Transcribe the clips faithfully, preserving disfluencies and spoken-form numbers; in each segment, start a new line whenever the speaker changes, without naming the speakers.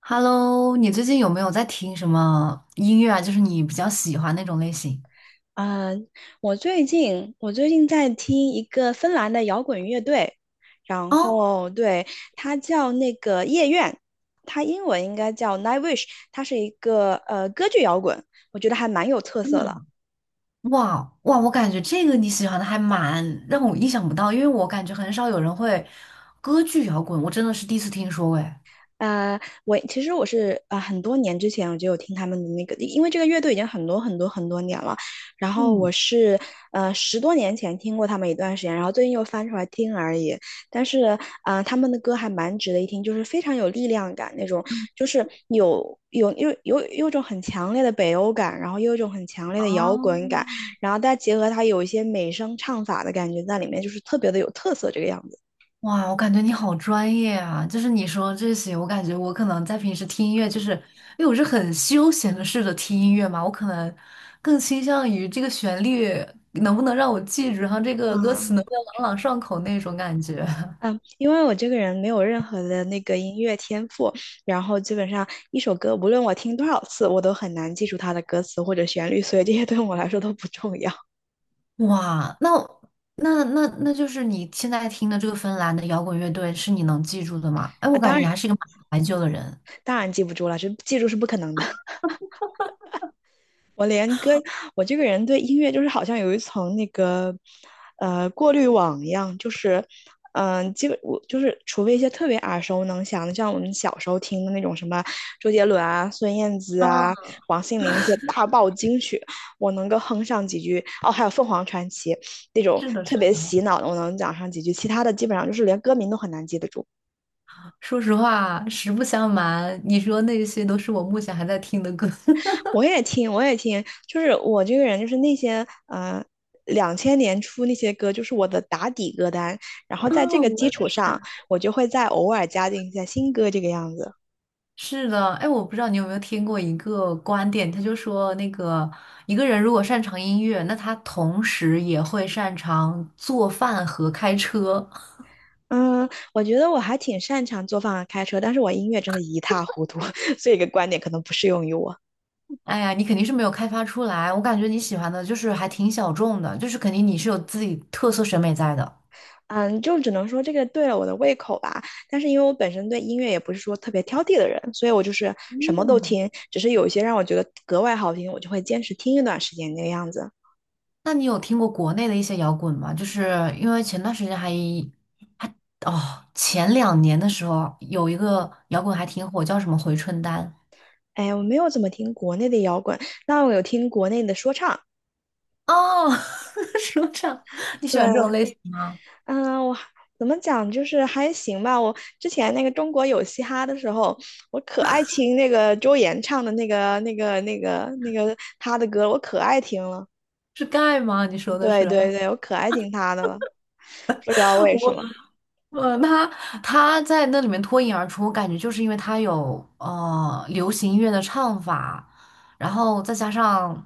Hello，你最近有没有在听什么音乐啊？就是你比较喜欢那种类型
啊、我最近我最近在听一个芬兰的摇滚乐队，然
哦？
后对，它叫那个夜愿，它英文应该叫 Nightwish，它是一个呃歌剧摇滚，我觉得还蛮有特
真
色
的
的。
吗？哇哇，我感觉这个你喜欢的还蛮让我意想不到，因为我感觉很少有人会歌剧摇滚，我真的是第一次听说诶。
呃，我其实我是呃很多年之前我就有听他们的那个，因为这个乐队已经很多很多很多年了，然后我
嗯，
是呃十多年前听过他们一段时间，然后最近又翻出来听而已。但是呃他们的歌还蛮值得一听，就是非常有力量感那种，就是有有有有有一种很强烈的北欧感，然后又有一种很强烈的摇
哦，
滚感，然后再结合它有一些美声唱法的感觉在里面，就是特别的有特色这个样子
哇，我感觉你好专业啊！就是你说这些，我感觉我可能在平时听音乐，就是因为我是很休闲的试着听音乐嘛，我可能更倾向于这个旋律能不能让我记住，然后这个歌词
啊。
能不能朗朗上口那种感觉。
嗯，因为我这个人没有任何的那个音乐天赋，然后基本上一首歌，无论我听多少次，我都很难记住它的歌词或者旋律，所以这些对我来说都不重要
哇，那那那那就是你现在听的这个芬兰的摇滚乐队是你能记住的吗？哎，
啊。
我感
当
觉
然，
你还是一个蛮怀旧的人。
当然记不住了，这记住是不可能的。我连歌，我这个人对音乐就是好像有一层那个呃过滤网一样，就是嗯、呃基本我就是除非一些特别耳熟能详的，像我们小时候听的那种什么周杰伦啊、孙燕姿啊、
嗯，
王心凌那些大爆金曲，我能够哼上几句。哦，还有凤凰传奇那种
是的，是
特别
的。
洗脑的，我能讲上几句，其他的基本上就是连歌名都很难记得住。
说实话，实不相瞒，你说那些都是我目前还在听的歌。
我也听，我也听，就是我这个人，就是那些呃，两千年初那些歌，就是我的打底歌单。然后
哦，
在这个
我
基
也
础上，
是。
我就会再偶尔加进一些新歌，这个样子。
是的，哎，我不知道你有没有听过一个观点，他就说那个一个人如果擅长音乐，那他同时也会擅长做饭和开车。
嗯，我觉得我还挺擅长做饭和开车，但是我音乐真的一塌糊涂，所以这个观点可能不适用于我。
哎呀，你肯定是没有开发出来，我感觉你喜欢的就是还挺小众的，就是肯定你是有自己特色审美在的。
嗯，就只能说这个对了我的胃口吧。但是因为我本身对音乐也不是说特别挑剔的人，所以我就是什么都
嗯，
听，只是有一些让我觉得格外好听，我就会坚持听一段时间那个样子。
那你有听过国内的一些摇滚吗？就是因为前段时间还哦，前两年的时候有一个摇滚还挺火，叫什么回春丹。
哎呀，我没有怎么听国内的摇滚，但我有听国内的说唱。
哦，说唱，你喜欢这种
对，
类型吗？
嗯，我还怎么讲，就是还行吧。我之前那个中国有嘻哈的时候，我可爱听那个周岩唱的那个、那个、那个、那个他的歌，我可爱听了。
是盖吗？你说的
对
是
对 对，我可爱听他的了，不知道为什
我，
么。
呃，他他在那里面脱颖而出，我感觉就是因为他有呃流行音乐的唱法，然后再加上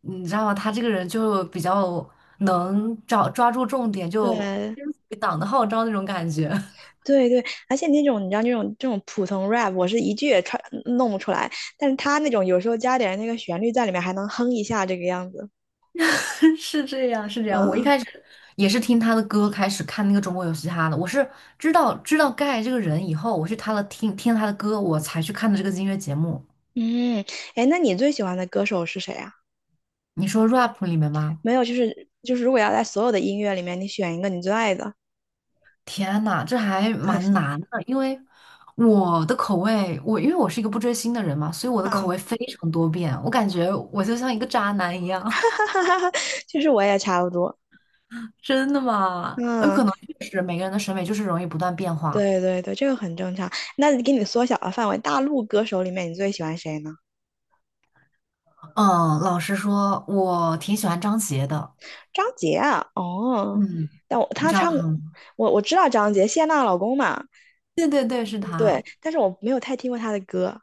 你知道吗？他这个人就比较能找抓住重点，就
对
跟随党的号召那种感觉。
对对，而且那种你知道那种这种普通 rap，我是一句也唱弄不出来，但是他那种有时候加点那个旋律在里面，还能哼一下这个样子。
是这样，是这样。我一
嗯，
开始也是听他的歌开始看那个《中国有嘻哈》的，我是知道知道盖这个人以后，我去他的听听他的歌，我才去看的这个音乐节目。
嗯，哎，那你最喜欢的歌手是谁啊？
你说 rap 里面吗？
没有，就是就是，如果要在所有的音乐里面，你选一个你最爱的，
天呐，这还蛮难的，因为我的口味，我因为我是一个不追星的人嘛，所以我的口
嗯，
味非常多变，我感觉我就像一个渣男一样。
其实我也差不多，
真的吗？有
嗯，
可能确实每个人的审美就是容易不断变化。
对对对，这个很正常。那给你缩小了范围，大陆歌手里面你最喜欢谁呢？
嗯，老实说，我挺喜欢张杰的。
张杰啊，哦，
嗯，
但我
你
他
知道
唱
他吗？
我我知道张杰，谢娜老公嘛，
对对对，是他。
对，但是我没有太听过他的歌，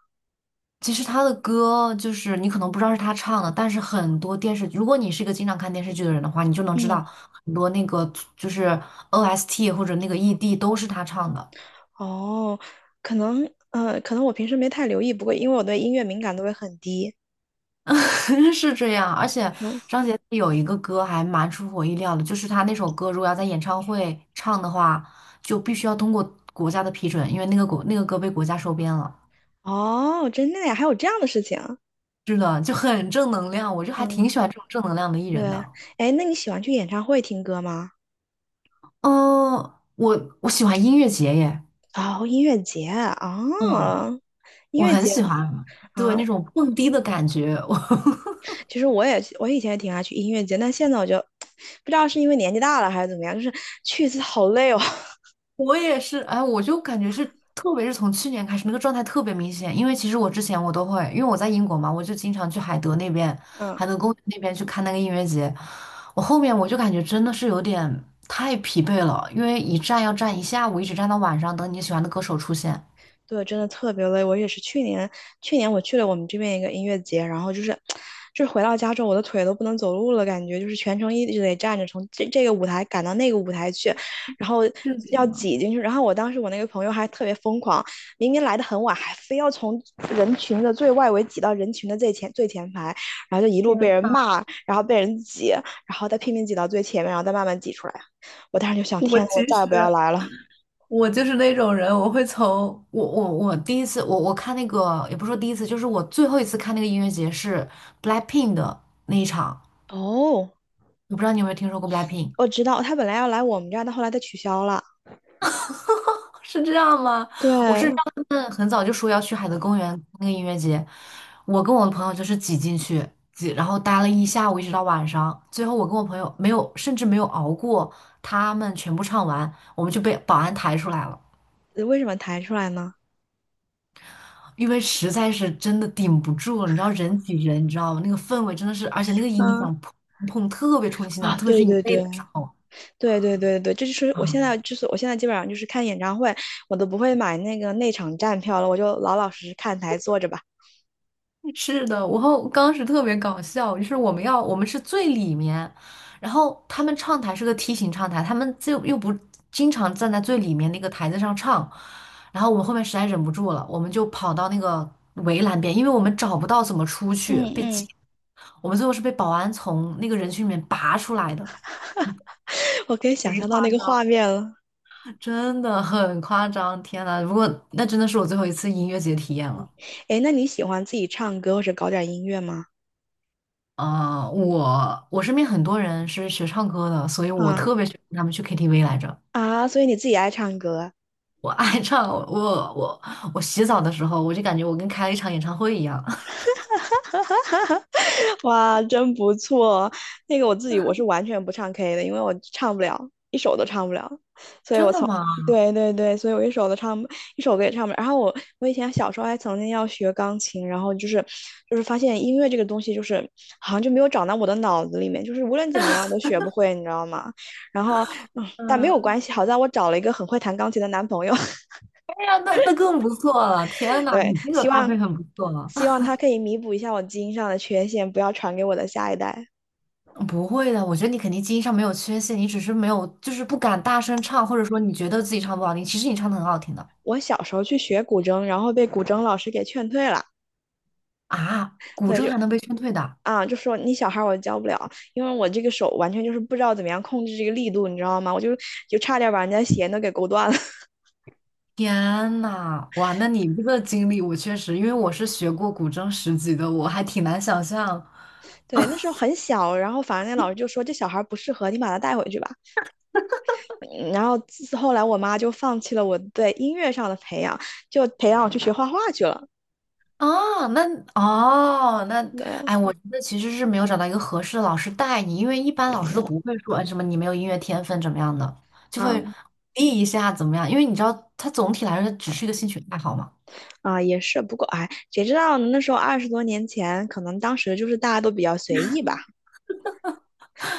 其实他的歌就是你可能不知道是他唱的，但是很多电视，如果你是一个经常看电视剧的人的话，你就能知
嗯，
道很多那个就是 O S T 或者那个 E D 都是他唱的，
哦，可能呃，可能我平时没太留意，不过因为我对音乐敏感度也很低。
是这样。而且
嗯。
张杰有一个歌还蛮出乎我意料的，就是他那首歌如果要在演唱会唱的话，就必须要通过国家的批准，因为那个国那个歌被国家收编了。
哦，真的呀，还有这样的事情。
是的，就很正能量，我就还
嗯，
挺喜欢这种正能量的艺
对。
人的。
哎，那你喜欢去演唱会听歌吗？
嗯，我我喜欢音乐节耶，
哦，音乐节
嗯，
啊，音
我
乐
很
节
喜欢，对
啊，
那种蹦迪的感觉，我
其实我也我以前也挺爱去音乐节，但现在我就 不知道是因为年纪大了还是怎么样，就是去一次好累哦。
我也是，哎，我就感觉是，特别是从去年开始，那个状态特别明显。因为其实我之前我都会，因为我在英国嘛，我就经常去海德那边，
嗯。
海德公园那边去看那个音乐节。我后面我就感觉真的是有点太疲惫了，因为一站要站一下午，一直站到晚上，等你喜欢的歌手出现。
对，真的特别累。我也是去年，去年，我去了我们这边一个音乐节，然后就是，就是回到家之后，我的腿都不能走路了，感觉就是全程一直得站着，从这这个舞台赶到那个舞台去，然后要挤进去。然后我当时我那个朋友还特别疯狂，明明来的很晚，还非要从人群的最外围挤到人群的最前最前排，然后就一路被人骂，然后被人挤，然后再拼命挤到最前面，然后再慢慢挤出来。我当时就想，
我
天呐我
其
再也不要
实
来了。
我就是那种人，我会从我我我第一次我我看那个也不是说第一次，就是我最后一次看那个音乐节是 BLACKPINK 的那一场，
哦，
我不知道你有没有听说过 BLACKPINK，
我知道他本来要来我们这儿，但后来他取消了。
是这样吗？
对，呃
嗯，很早就说要去海德公园那个音乐节，我跟我的朋友就是挤进去挤，然后待了一下午，一直到晚上，最后我跟我朋友没有，甚至没有熬过他们全部唱完，我们就被保安抬出来了。
为什么弹出来呢？
因为实在是真的顶不住了，你知道人挤人，你知道吗？那个氛围真的是，而且那个音
嗯
响砰砰特别冲击心脏，
啊，
特别
对
是你
对
背
对
的时候。
对对对对，这就是我现在就是我现在基本上就是看演唱会，我都不会买那个内场站票了，我就老老实实看台坐着吧。
是的，我后当时特别搞笑，就是我们要我们是最里面，然后他们唱台是个梯形唱台，他们就又不经常站在最里面那个台子上唱，然后我们后面实在忍不住了，我们就跑到那个围栏边，因为我们找不到怎么出去，
嗯
被挤，
嗯，
我们最后是被保安从那个人群里面拔出来的，
我可以想
贼
象到
夸
那个画
张。
面了。
真的很夸张，天呐！如果那真的是我最后一次音乐节体验了。
诶，那你喜欢自己唱歌或者搞点音乐吗？
啊、我我身边很多人是学唱歌的，所以我
啊。
特别喜欢他们去 K T V 来着。
啊，所以你自己爱唱歌，
我爱唱，我我我洗澡的时候，我就感觉我跟开了一场演唱会一样。
哇，真不错。那个我自己我是完全不唱 K 的，因为我唱不了，一首都唱不了。
真的吗？
对对对，所以我一首都唱不一首歌也唱不了。然后我我以前小时候还曾经要学钢琴，然后就是就是发现音乐这个东西就是好像就没有长到我的脑子里面，就是无论怎么样都学不会，你知道吗？然后嗯，但没有关
嗯，
系，好在我找了一个很会弹钢琴的男朋友，
哎呀，那那更不错了！天呐，
对，
你这个
希
搭
望
配很不错了。
希望他可以弥补一下我基因上的缺陷，不要传给我的下一代。
不会的，我觉得你肯定基因上没有缺陷，你只是没有就是不敢大声唱，或者说你觉得自己唱不好听，其实你唱的很好听的
我小时候去学古筝，然后被古筝老师给劝退了。
啊。古
对，
筝
就
还能被劝退的，
啊，就说你小孩儿我教不了，因为我这个手完全就是不知道怎么样控制这个力度，你知道吗？我就就差点把人家鞋都给勾断了。
天呐，哇，那你这个经历，我确实，因为我是学过古筝十级的，我还挺难想象。
对，那时候很小，然后反正那老师就说这小孩儿不适合，你把他带回去吧。嗯。然后自后来我妈就放弃了我对音乐上的培养，就培养我去学画画去了。
啊。那哦，那
对。
哎，我觉得其实是没有找到一个合适的老师带你，因为一般老师都不会说，哎，什么你没有音乐天分怎么样的，就
啊。
会鼓励一下怎么样，因为你知道，它总体来说只是一个兴趣爱好嘛。
啊，也是，不过哎，谁知道呢那时候二十多年前，可能当时就是大家都比较随意吧。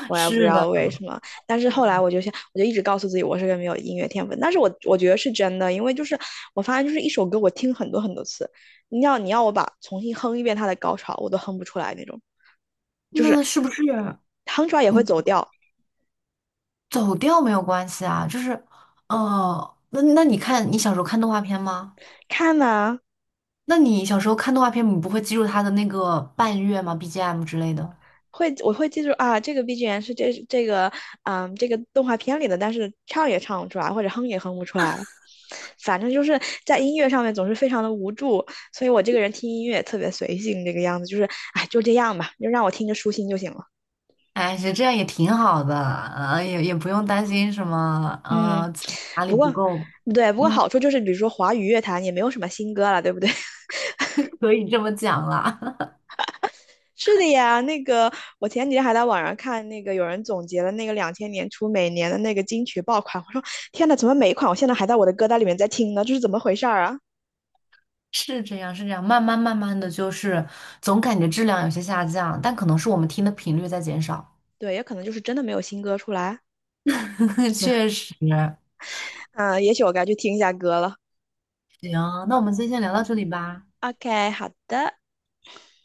我也不知道为什么，但是后来我就想，我就一直告诉自己我是个没有音乐天分，但是我我觉得是真的，因为就是我发现就是一首歌我听很多很多次，你要你要我把重新哼一遍它的高潮，我都哼不出来那种，就是
那是不是
哼出来也会走
你
调。
走调没有关系啊？就是，哦，那那你看你小时候看动画片吗？
看呐。
那你小时候看动画片，你不会记住它的那个伴乐吗？B G M 之类的？
会，我会记住啊，这个 B G M 是这这个嗯这个动画片里的，但是唱也唱不出来，或者哼也哼不出来，反正就是在音乐上面总是非常的无助，所以我这个人听音乐也特别随性，这个样子就是哎就这样吧，就让我听着舒心就行了。
哎，实这样也挺好的，呃，也也不用担心什么，
嗯，
呃，自己哪里
不
不
过
够，
对，不过
嗯，
好处就是比如说华语乐坛也没有什么新歌了，对不对？
可以这么讲啦。
是的呀，那个我前几天还在网上看那个有人总结了那个两千年初每年的那个金曲爆款，我说天呐，怎么每一款我现在还在我的歌单里面在听呢？这是怎么回事儿啊？
是这样，是这样，慢慢慢慢的就是总感觉质量有些下降，但可能是我们听的频率在减少。
对，也可能就是真的没有新歌出来，
确实，
嗯，也许我该去听一下歌了。
行，那我们今天先聊到这里吧。
OK，好的。